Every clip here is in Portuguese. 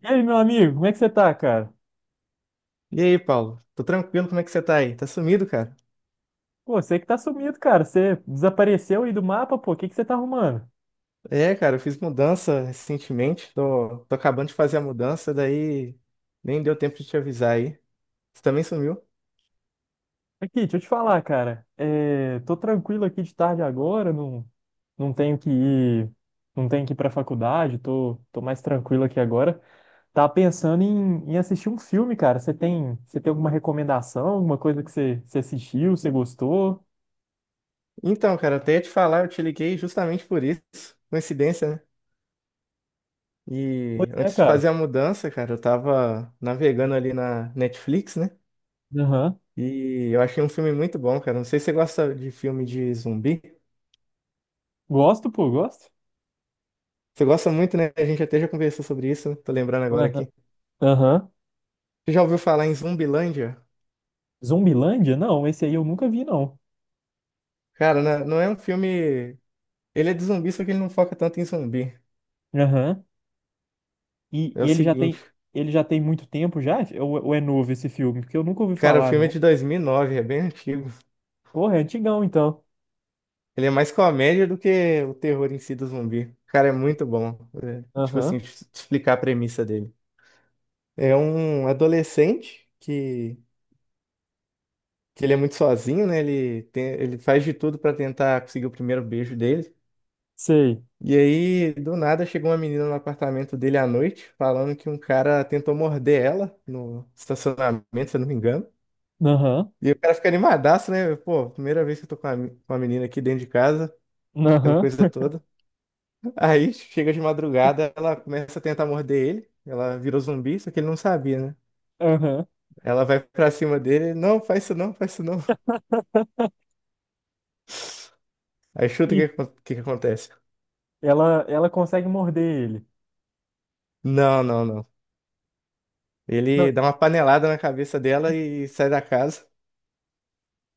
E aí, meu amigo, como é que você tá, cara? E aí, Paulo? Tô tranquilo, como é que você tá aí? Tá sumido, cara? Pô, você que tá sumido, cara. Você desapareceu aí do mapa, pô. O que que você tá arrumando? É, cara, eu fiz mudança recentemente, tô acabando de fazer a mudança, daí nem deu tempo de te avisar aí. Você também sumiu? Aqui, deixa eu te falar, cara. É, tô tranquilo aqui de tarde agora, não tenho que ir, não tenho que ir pra faculdade, tô mais tranquilo aqui agora. Tava pensando em assistir um filme, cara. Você tem alguma recomendação, alguma coisa que você assistiu, você gostou? Então, cara, até ia te falar, eu te liguei justamente por isso, coincidência, né? Pois E é, antes de cara. fazer a mudança, cara, eu tava navegando ali na Netflix, né? Aham. E eu achei um filme muito bom, cara. Não sei se você gosta de filme de zumbi. Gosto, pô, gosto. Você gosta muito, né? A gente até já conversou sobre isso, né? Tô lembrando agora Aham. aqui. Aham. Você já ouviu falar em Zumbilândia? Zumbilândia? Não, esse aí eu nunca vi, não. Cara, não é um filme. Ele é de zumbi, só que ele não foca tanto em zumbi. Aham. E, É e o ele já seguinte, tem, ele já tem muito tempo já? Ou é novo esse filme? Porque eu nunca ouvi cara, o falar, filme é não. de 2009, é bem antigo. Porra, é antigão, então. Ele é mais comédia do que o terror em si do zumbi. Cara, é muito bom. É, tipo assim, Aham, te explicar a premissa dele. É um adolescente que ele é muito sozinho, né? Ele faz de tudo pra tentar conseguir o primeiro beijo dele. sei. E aí, do nada, chegou uma menina no apartamento dele à noite, falando que um cara tentou morder ela no estacionamento, se eu não me engano. Aham, E o cara fica animadaço, né? Pô, primeira vez que eu tô com uma menina aqui dentro de casa, aquela aham, coisa toda. Aí chega de madrugada, ela começa a tentar morder ele. Ela virou zumbi, só que ele não sabia, né? aham. Ela vai pra cima dele, não, faz isso não, faz isso não. Aí chuta o que, E o que que acontece. ela consegue morder ele. Não, não, não. Não, Ele dá uma panelada na cabeça dela e sai da casa.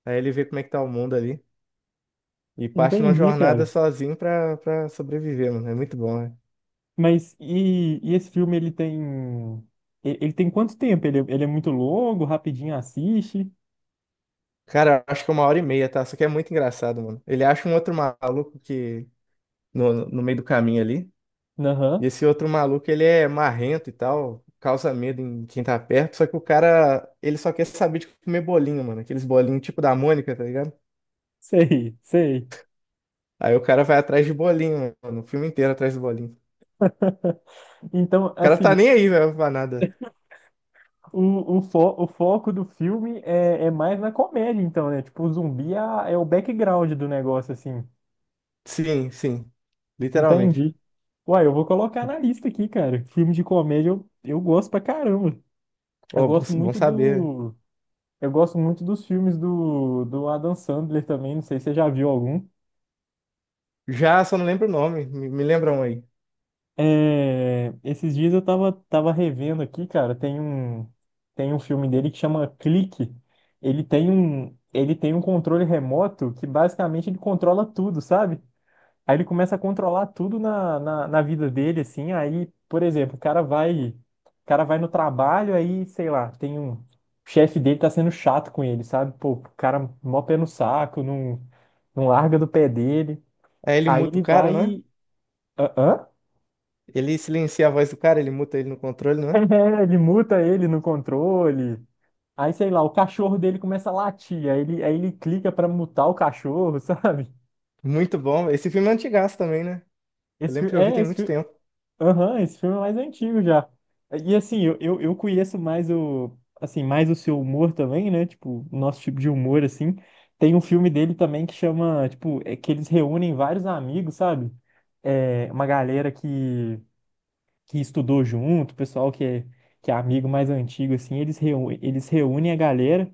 Aí ele vê como é que tá o mundo ali. E parte numa entendi, jornada cara. sozinho pra sobreviver, mano. É muito bom, né? Mas e esse filme, Ele tem quanto tempo? Ele é muito longo, rapidinho assiste? Cara, eu acho que é uma hora e meia, tá? Só que é muito engraçado, mano. Ele acha um outro maluco que no meio do caminho ali. E Aham, esse outro maluco, ele é marrento e tal, causa medo em quem tá perto. Só que o cara, ele só quer saber de comer bolinho, mano. Aqueles bolinhos tipo da Mônica, tá ligado? sei, sei. Aí o cara vai atrás de bolinho, mano. O filme inteiro atrás de bolinho. Então, O cara tá assim. nem aí, velho, pra nada. O foco do filme é mais na comédia, então, né? Tipo, o zumbi é o background do negócio, assim. Sim, sim. Literalmente. Entendi. Uai, eu vou colocar na lista aqui, cara. Filme de comédia eu gosto pra caramba. Eu Ó, bom, gosto bom muito saber. do. Eu gosto muito dos filmes do Adam Sandler também. Não sei se você já viu algum. Já, só não lembro o nome. Me lembra um aí. É, esses dias eu tava revendo aqui, cara, tem um filme dele que chama Clique. Ele tem um controle remoto que basicamente ele controla tudo, sabe? Aí ele começa a controlar tudo na vida dele, assim. Aí, por exemplo, o cara vai no trabalho, aí, sei lá, o chefe dele tá sendo chato com ele, sabe? Pô, o cara mó pé no saco, não larga do pé dele. Aí ele Aí muta ele o cara, vai. não é? Hã? Ele silencia a voz do cara, ele muta ele no controle, não é? É, ele muta ele no controle. Aí, sei lá, o cachorro dele começa a latir. Aí ele clica pra mutar o cachorro, sabe? Muito bom. Esse filme é antigaço também, né? Eu Esse, fi- lembro que eu vi é, tem esse, muito fi- tempo. aham, esse filme é mais antigo já. E assim, eu conheço assim, mais o seu humor também, né? Tipo, o nosso tipo de humor, assim. Tem um filme dele também que chama, tipo, é que eles reúnem vários amigos, sabe? É, uma galera que estudou junto, o pessoal que é amigo mais antigo, assim, eles reúnem a galera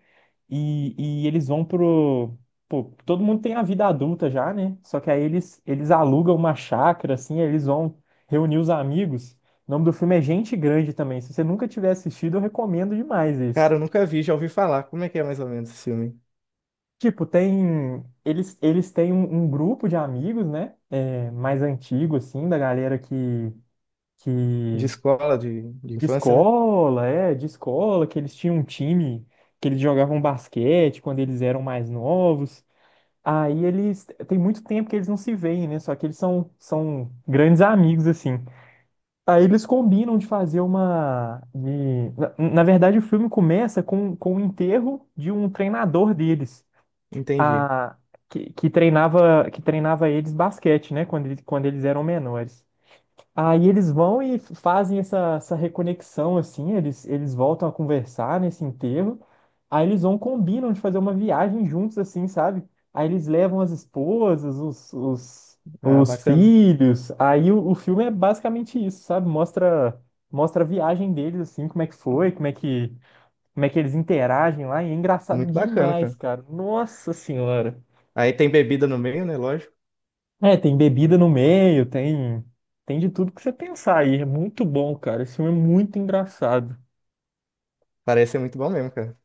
e, e eles vão pro. Pô, todo mundo tem a vida adulta já, né? Só que aí eles alugam uma chácara, assim, aí eles vão reunir os amigos. O nome do filme é Gente Grande também. Se você nunca tiver assistido, eu recomendo demais esse. Cara, eu nunca vi, já ouvi falar. Como é que é mais ou menos esse filme? Tipo, tem. Eles têm um grupo de amigos, né? É, mais antigo, assim, da galera que, De que escola, de De infância, né? escola, é, de escola, que eles tinham um time, que eles jogavam basquete quando eles eram mais novos. Tem muito tempo que eles não se veem, né? Só que eles são grandes amigos, assim. Aí eles combinam de fazer uma. Na verdade, o filme começa com o enterro de um treinador deles, Entendi. a, que treinava eles basquete, né? Quando eles eram menores. Aí eles vão e fazem essa reconexão, assim, eles voltam a conversar nesse enterro, aí eles combinam de fazer uma viagem juntos, assim, sabe? Aí eles levam as esposas, os, os, Ah, os bacana. filhos, aí o filme é basicamente isso, sabe? Mostra a viagem deles, assim, como é que foi, como é que eles interagem lá, e é engraçado Muito bacana, demais, cara. cara. Nossa Senhora! Aí tem bebida no meio, né? Lógico. É, tem bebida no meio, tem de tudo que você pensar aí. É muito bom, cara. Esse filme é muito engraçado. Parece ser muito bom mesmo, cara.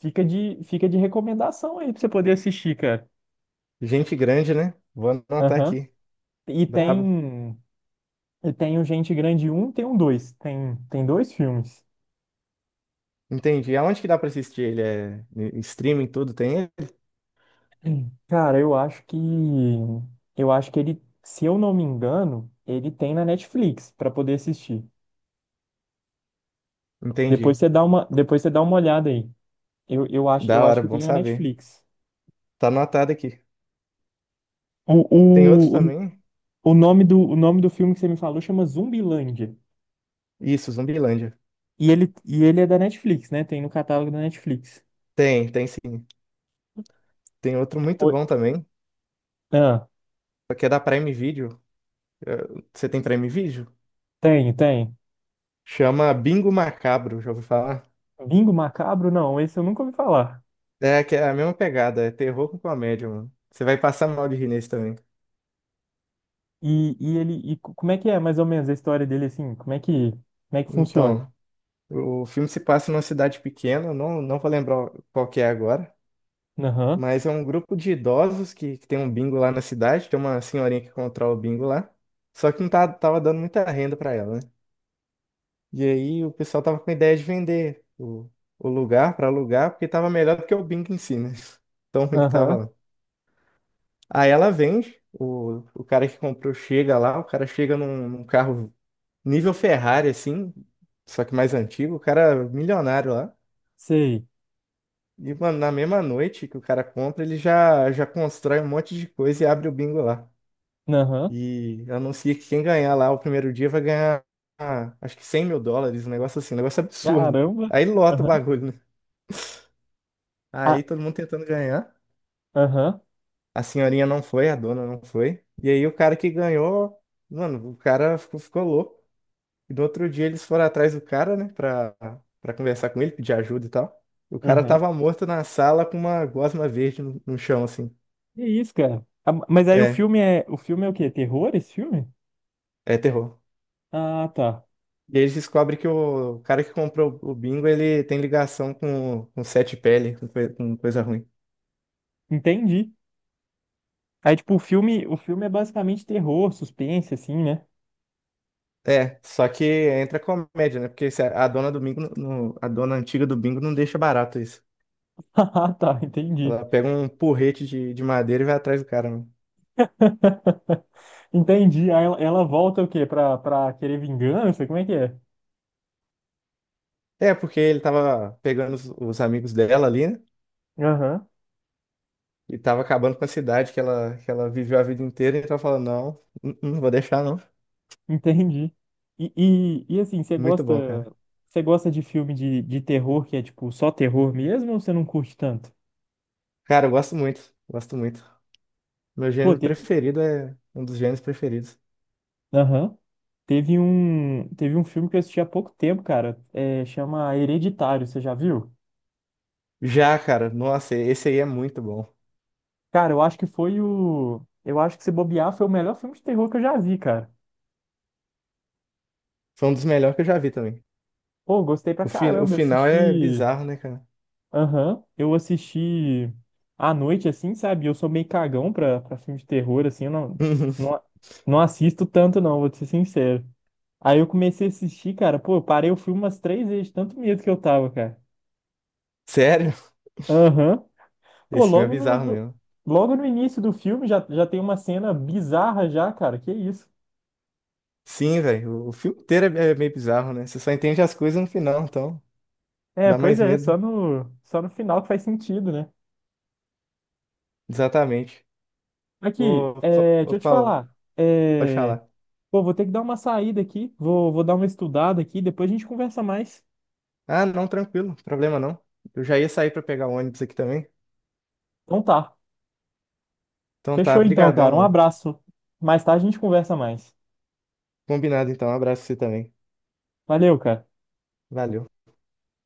Fica de recomendação aí pra você poder assistir, cara. Gente grande, né? Vou anotar Aham. aqui. E Brabo. tem e tem o Gente Grande um, tem um dois. Tem dois filmes. Entendi. Aonde que dá pra assistir ele? É em streaming, tudo? Tem ele? Hum. Cara, eu acho que ele, se eu não me engano, ele tem na Netflix pra poder assistir. Depois Entendi. você dá uma depois você dá uma olhada aí. Eu, eu acho eu Da acho hora, que bom tem na saber. Netflix. Tá anotado aqui. Tem outro O, o, também? o nome do filme que você me falou chama Zumbilândia. Isso, Zumbilândia. E ele é da Netflix, né? Tem no catálogo da Netflix. Tem, tem sim. Tem outro muito Oi. bom também, Ah, só que é da Prime Video. Eh, Você tem Prime Video? tem, tem. Chama Bingo Macabro, já ouviu falar? Bingo Macabro? Não, esse eu nunca ouvi falar. É, que é a mesma pegada, é terror com comédia, mano. Você vai passar mal de rir nesse também. Como é que é mais ou menos a história dele assim? Como é que funciona? Então, o filme se passa numa cidade pequena, eu não vou lembrar qual que é agora, Aham, mas é um grupo de idosos que tem um bingo lá na cidade, tem uma senhorinha que controla o bingo lá, só que não tá, tava dando muita renda pra ela, né? E aí o pessoal tava com a ideia de vender o lugar para alugar, porque tava melhor do que o Bing em si, né? Tão ruim que tava aham, lá. Aí ela vende, o cara que comprou chega lá, o cara chega num carro nível Ferrari, assim, só que mais antigo, o cara é milionário lá. sei. E, mano, na mesma noite que o cara compra, ele já, já constrói um monte de coisa e abre o bingo lá. Aham, E anuncia que quem ganhar lá o primeiro dia vai ganhar, ah, acho que 100 mil dólares, um negócio assim, um negócio absurdo. caramba. Aí lota o Aham, bagulho, né? ah, Aí todo mundo tentando ganhar. aham, A senhorinha não foi, a dona não foi. E aí o cara que ganhou, mano, o cara ficou louco. E no outro dia eles foram atrás do cara, né, pra conversar com ele, pedir ajuda e tal. O cara aham. tava morto na sala com uma gosma verde no chão, assim. Que isso, cara? Ah, mas aí o É, filme é, o filme é o quê? Terror, esse filme? é terror. Ah, tá. E aí eles descobrem que o cara que comprou o bingo, ele tem ligação com sete pele, com coisa ruim. Entendi. Aí, tipo, o filme é basicamente terror, suspense, assim, né? É, só que entra comédia, né? Porque se a dona do bingo, a dona antiga do bingo não deixa barato isso. Ah, tá, entendi. Ela pega um porrete de madeira e vai atrás do cara, né? Entendi. Aí ela volta o quê? Pra querer vingança? Como é que é? É, porque ele tava pegando os amigos dela ali, né? Aham, E tava acabando com a cidade que ela viveu a vida inteira. E tava falando, não, não, não vou deixar, não. entendi. Assim, você Muito gosta, bom, cara. você gosta de filme de terror que é, tipo, só terror mesmo ou você não curte tanto? Cara, eu gosto muito. Gosto muito. Meu Pô, gênero teve, preferido é um dos gêneros preferidos. aham. Teve um filme que eu assisti há pouco tempo, cara. É, chama Hereditário, você já viu? Já, cara, nossa, esse aí é muito bom. Cara, eu acho que foi o. Eu acho que se bobear foi o melhor filme de terror que eu já vi, cara. Foi um dos melhores que eu já vi também. Pô, gostei pra O caramba. Eu final é assisti. bizarro, né, cara? Aham. Eu assisti à noite, assim, sabe? Eu sou meio cagão pra filme de terror, assim. Eu não, não assisto tanto, não, vou te ser sincero. Aí eu comecei a assistir, cara. Pô, eu parei o filme umas três vezes, de tanto medo que eu tava, cara. Sério? Aham. Pô, Esse filme é logo no, bizarro no- mesmo. logo no início do filme já tem uma cena bizarra já, cara. Que isso? Sim, velho. O filme inteiro é meio bizarro, né? Você só entende as coisas no final, então É, dá pois mais é, só medo. no, só no final que faz sentido, né? Exatamente. Aqui, Ô, ô deixa eu te Paulo, falar. pode É, falar. pô, vou ter que dar uma saída aqui. Vou dar uma estudada aqui. Depois a gente conversa mais. Ah, não, tranquilo, problema não. Eu já ia sair pra pegar o ônibus aqui também. Então tá. Então tá, Fechou então, brigadão, cara. Um mano. abraço. Mais tarde a gente conversa mais. Combinado então, um abraço pra você também. Valeu, cara. Valeu.